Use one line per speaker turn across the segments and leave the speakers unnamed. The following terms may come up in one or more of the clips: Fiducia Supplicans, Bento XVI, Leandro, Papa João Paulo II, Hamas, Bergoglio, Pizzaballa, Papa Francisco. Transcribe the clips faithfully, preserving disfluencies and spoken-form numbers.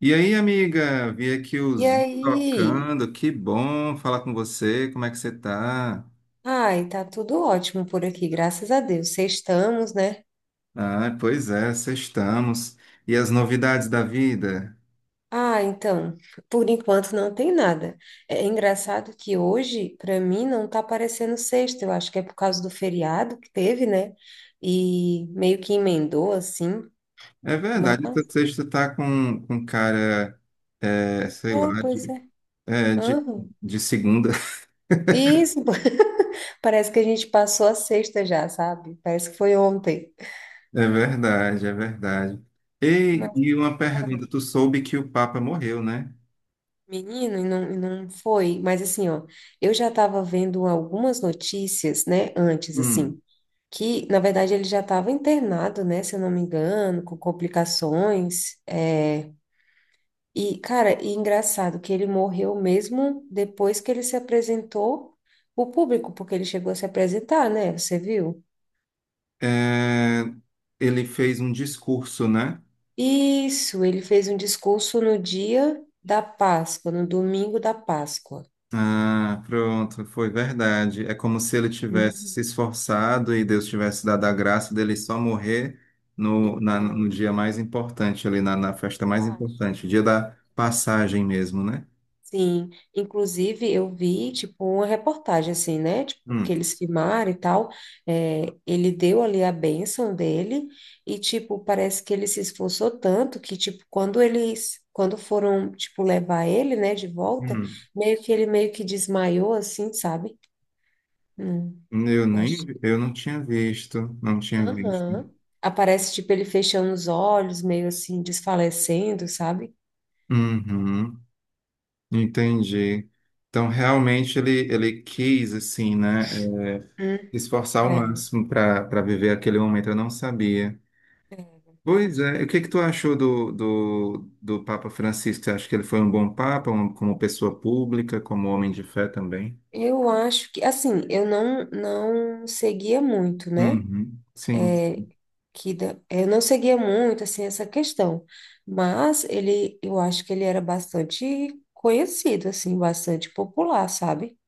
E aí, amiga, vi aqui o
E
Zoom
aí?
tocando, que bom falar com você, como é que você tá?
Ai, tá tudo ótimo por aqui, graças a Deus. Sextamos, né?
Ah, pois é, sextamos. E as novidades da vida?
Ah, então, por enquanto não tem nada. É é engraçado que hoje, para mim, não tá parecendo sexta. Eu acho que é por causa do feriado que teve, né? E meio que emendou assim,
É
mas
verdade, o sexto tá com, com cara, é, sei
é,
lá,
pois
de,
é.
é, de,
Aham.
de segunda.
Isso, parece que a gente passou a sexta já, sabe? Parece que foi ontem.
É verdade, é verdade. Ei, e uma pergunta, tu soube que o Papa morreu, né?
Menino, e não, e não foi, mas assim, ó, eu já estava vendo algumas notícias, né, antes,
Hum.
assim, que, na verdade, ele já estava internado, né, se eu não me engano, com complicações, é, e, cara, e engraçado que ele morreu mesmo depois que ele se apresentou o público, porque ele chegou a se apresentar, né, você viu?
É, ele fez um discurso, né?
Isso, ele fez um discurso no dia da Páscoa, no domingo da Páscoa.
Ah, pronto, foi verdade. É como se ele tivesse
Uhum.
se esforçado e Deus tivesse dado a graça dele só morrer no, na- no
Então,
dia mais importante, ali na, na festa mais
acho.
importante, dia da passagem mesmo, né?
Sim, inclusive eu vi, tipo, uma reportagem assim, né, tipo, que
Hum,
eles filmaram e tal, é, ele deu ali a bênção dele e, tipo, parece que ele se esforçou tanto que, tipo, quando eles, quando foram, tipo, levar ele, né, de volta,
hum.
meio que ele meio que desmaiou, assim, sabe? Hum,
Eu nem,
acho
vi-
que...
Eu não tinha visto, não tinha visto.
Aham. Aparece, tipo, ele fechando os olhos, meio assim, desfalecendo, sabe?
Uhum, entendi. Então, realmente, ele, ele quis, assim, né, eh,
Hum,
esforçar o
é,
máximo para para viver aquele momento, eu não sabia.
é
Pois
verdade.
é, o que que tu achou do, do, do Papa Francisco? Você acha que ele foi um bom Papa, um- como pessoa pública, como homem de fé também?
Eu acho que, assim, eu não, não seguia muito, né?
Uhum, sim.
Que da- eu não seguia muito, assim, essa questão. Mas ele, eu acho que ele era bastante conhecido, assim, bastante popular, sabe?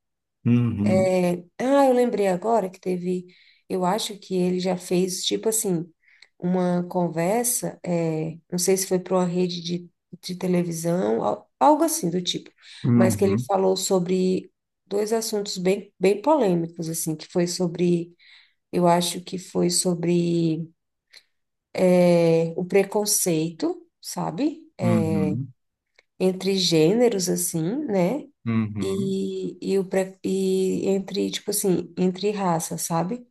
Uhum,
É, ah, eu lembrei agora que teve. Eu acho que ele já fez, tipo assim, uma conversa. É, não sei se foi para uma rede de, de televisão, al- algo assim do tipo. Mas que ele
uhum,
falou sobre dois assuntos bem, bem polêmicos, assim, que foi sobre. Eu acho que foi sobre é, o preconceito, sabe? É,
uhum,
entre gêneros, assim, né?
uhum,
E, e, o pre, e entre, tipo assim, entre raças, sabe?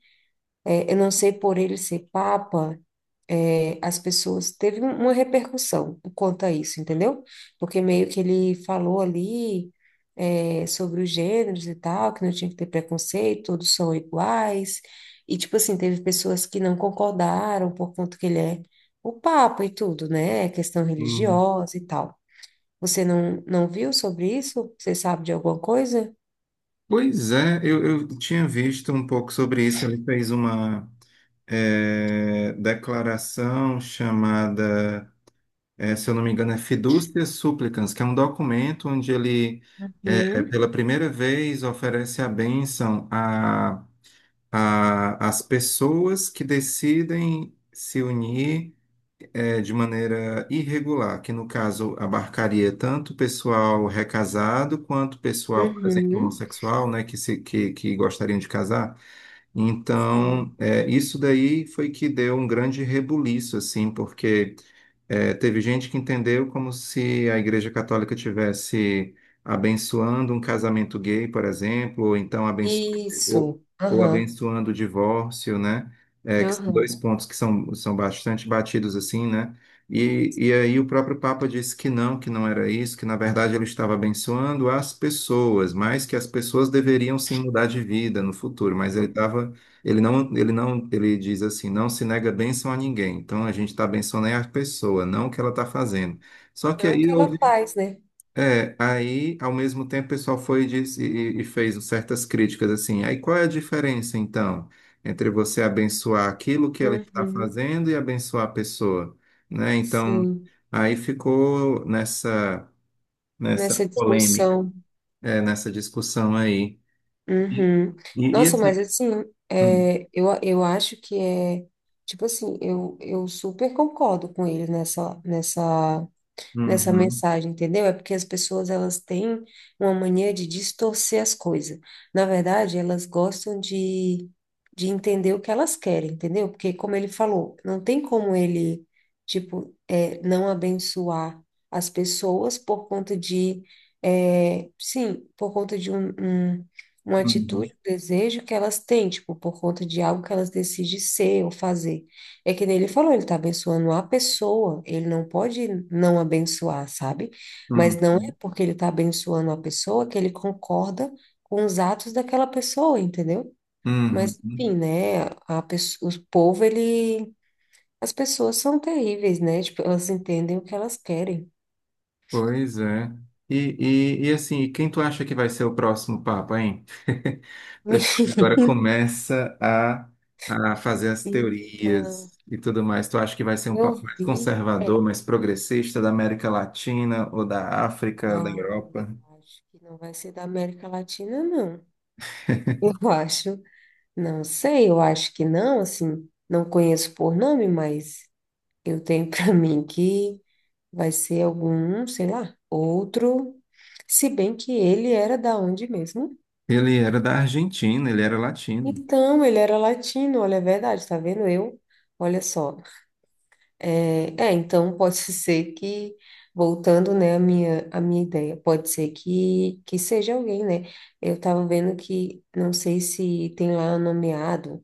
É, eu não sei por ele ser papa, eh, as pessoas teve um, uma repercussão quanto a isso, entendeu? Porque meio que ele falou ali eh, sobre os gêneros e tal, que não tinha que ter preconceito, todos são iguais. E tipo assim, teve pessoas que não concordaram por conta que ele é o papa e tudo, né? Questão
uhum.
religiosa e tal. Você não, não viu sobre isso? Você sabe de alguma coisa?
Pois é, eu, eu tinha visto um pouco sobre isso. Ele fez uma eh, declaração chamada, eh, se eu não me engano, é Fiducia Supplicans, que é um documento onde ele, eh,
Uhum,
pela primeira vez, oferece a bênção a a- as pessoas que decidem se unir eh, de maneira irregular, que no caso abarcaria tanto o pessoal recasado quanto o pessoal, por exemplo,
uhum.
homossexual, né, que, se, que, que gostariam de casar. Então,
Sim.
é, isso daí foi que deu um grande rebuliço, assim, porque é, teve gente que entendeu como se a Igreja Católica tivesse abençoando um casamento gay, por exemplo, ou então abenço- ou,
Isso.
ou
Aham.
abençoando o divórcio, né? É, que são dois
Aham.
pontos que são, são bastante batidos, assim, né? E, e aí o próprio Papa disse que não, que não era isso, que na verdade ele estava abençoando as pessoas, mas que as pessoas deveriam sim mudar de vida no futuro. Mas ele estava, ele não, ele não, ele diz assim, não se nega bênção a ninguém. Então a gente está abençoando é a pessoa, não o que ela está fazendo. Só que
Não que
aí
ela
houve
faz, né?
é, aí, ao mesmo tempo, o pessoal foi e, disse- e- e fez certas críticas assim. Aí, qual é a diferença, então, entre você abençoar aquilo que ela está
Uhum,
fazendo e abençoar a pessoa, né? Então,
sim,
aí ficou nessa nessa
nessa
polêmica,
discussão.
é, nessa discussão aí. E,
Uhum.
e, e
Nossa, mas
assim,
assim,
hum,
é, eu, eu acho que é, tipo assim, eu, eu super concordo com ele nessa, nessa nessa
uhum,
mensagem, entendeu? É porque as pessoas elas têm uma mania de distorcer as coisas. Na verdade, elas gostam de, de entender o que elas querem, entendeu? Porque, como ele falou, não tem como ele, tipo, é, não abençoar as pessoas por conta de, é, sim, por conta de um, um- uma
uhum,
atitude, um desejo que elas têm, tipo, por conta de algo que elas decidem ser ou fazer. É que nem ele falou, ele está abençoando a pessoa, ele não pode não abençoar, sabe? Mas não é
uhum,
porque ele está abençoando a pessoa que ele concorda com os atos daquela pessoa, entendeu?
uhum.
Mas, enfim, né? A pessoa, o povo, ele. As pessoas são terríveis, né? Tipo, elas entendem o que elas querem.
Pois é. E, e, e assim, e quem tu acha que vai ser o próximo Papa, hein? O pessoal agora começa a, a fazer as
Então,
teorias e tudo mais. Tu acha que vai ser um
eu
Papa mais
vi. É,
conservador, mais progressista da América Latina ou da África, da
ah,
Europa?
eu acho que não vai ser da América Latina, não. Eu acho. Não sei, eu acho que não, assim, não conheço por nome, mas eu tenho para mim que vai ser algum, sei lá, outro. Se bem que ele era da onde mesmo?
Ele era da Argentina, ele era latino.
Então, ele era latino, olha, é verdade, tá vendo? Eu, olha só. É, é, então pode ser que, voltando, né, a minha, a minha ideia, pode ser que, que seja alguém, né? Eu tava vendo que, não sei se tem lá nomeado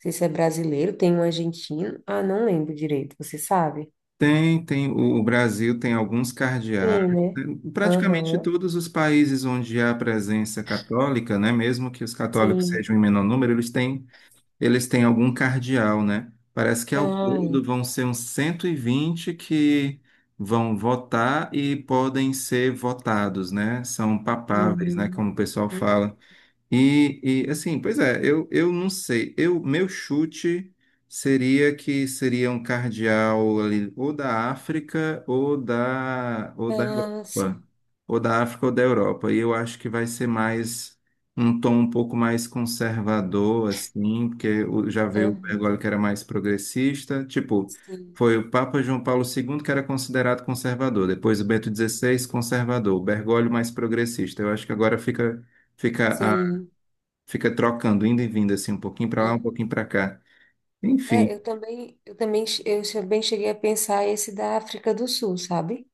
sei se é brasileiro, tem um argentino. Ah, não lembro direito, você sabe?
Tem, tem, o, o Brasil tem alguns cardeais,
Tem, né?
né? Praticamente
Aham,
todos os países onde há presença católica, né? Mesmo que os católicos
sim.
sejam em menor número, eles têm eles têm algum cardeal, né? Parece que ao
Ai,
todo vão ser uns cento e vinte que vão votar e podem ser votados, né? São papáveis, né?
uhum.
Como o pessoal
Hum.
fala. E, e, assim, pois é, eu, eu não sei. Eu, meu chute seria que seria um cardeal ali, ou da África ou da, ou da
Ah,
Europa.
sim.
Ou da África ou da Europa. E eu acho que vai ser mais um tom um pouco mais conservador, assim, porque o- já veio o Bergoglio
Aham,
que era mais progressista. Tipo,
sim.
foi o Papa João Paulo segundo que era considerado conservador, depois o Bento dezesseis, conservador, o Bergoglio mais progressista. Eu acho que agora fica. Fica
Sim.
fica trocando, indo e vindo, assim, um pouquinho para lá, um
Aham.
pouquinho para cá.
É,
Enfim,
eu também, eu também, che- eu também cheguei a pensar esse da África do Sul, sabe?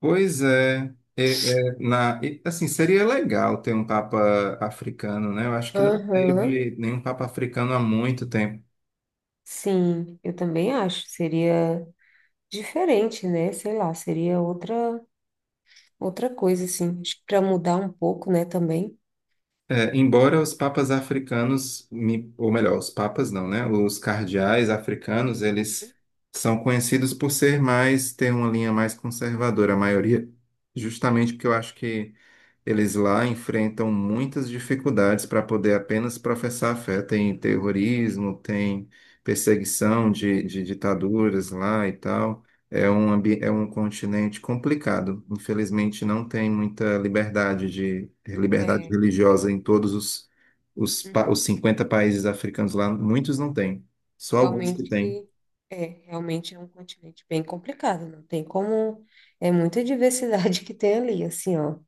pois é. É, é, na, e, assim, seria legal ter um Papa africano, né? Eu acho que não
Aham,
teve nenhum Papa africano há muito tempo.
sim, eu também acho. Seria diferente, né? Sei lá, seria outra outra coisa, assim. Acho que para mudar um pouco, né, também.
É, embora os papas africanos, me- ou melhor, os papas não, né? Os cardeais africanos, eles são conhecidos por ser mais, ter uma linha mais conservadora, a maioria, justamente porque eu acho que eles lá enfrentam muitas dificuldades para poder apenas professar a fé. Tem terrorismo, tem perseguição de, de ditaduras lá e tal. É um, ambi- é um continente complicado. Infelizmente, não tem muita liberdade de liberdade
É, é.
religiosa em todos os, os, pa- os
Uhum.
cinquenta países africanos lá. Muitos não
Não,
têm, só alguns que
realmente
têm.
é, realmente é um continente bem complicado, não tem como, é muita diversidade que tem ali, assim, ó,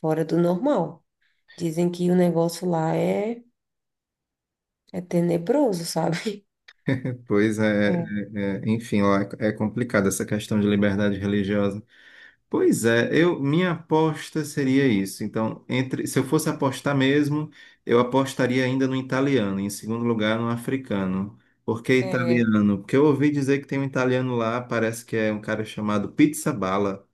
fora do normal. Dizem que o negócio lá é, é tenebroso, sabe?
Pois é, é- é- enfim, lá é é complicado essa questão de liberdade religiosa. Pois é, eu, minha aposta seria isso. Então, entre, se eu fosse apostar mesmo, eu apostaria ainda no italiano, e em segundo lugar no africano. Por que
É, é,
italiano? Porque eu ouvi dizer que tem um italiano lá, parece que é um cara chamado Pizzaballa,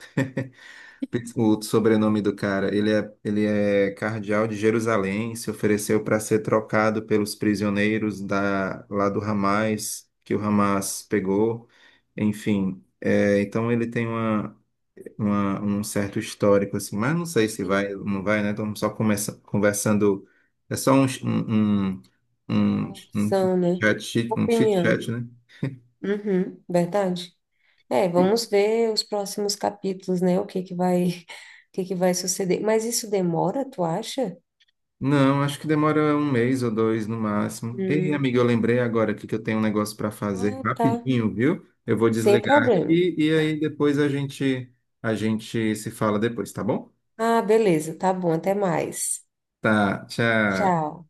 Pizz- o sobrenome do cara. Ele é, ele é cardeal de Jerusalém, se ofereceu para ser trocado pelos prisioneiros da, lá do Hamas, que o Hamas pegou. Enfim, é, então ele tem uma uma- um certo histórico, assim, mas não sei se vai
sim,
ou não vai, né? Estamos só começa, conversando, é só um, um, um, um,
uma
um
opção, né?
chat, chit- um chit
Opinião.
chat, né?
Uhum, verdade. É,
E-
vamos ver os próximos capítulos, né? O que que vai, o que que vai suceder. Mas isso demora, tu acha?
Não, acho que demora um mês ou dois no máximo. Ei,
Hum.
amigo, eu lembrei agora aqui que eu tenho um negócio para fazer
Ah, tá.
rapidinho, viu? Eu vou
Sem
desligar
problema.
aqui e aí depois a gente a gente se fala depois, tá bom?
Ah, beleza, tá bom, até mais.
Tá, tchau.
Tchau.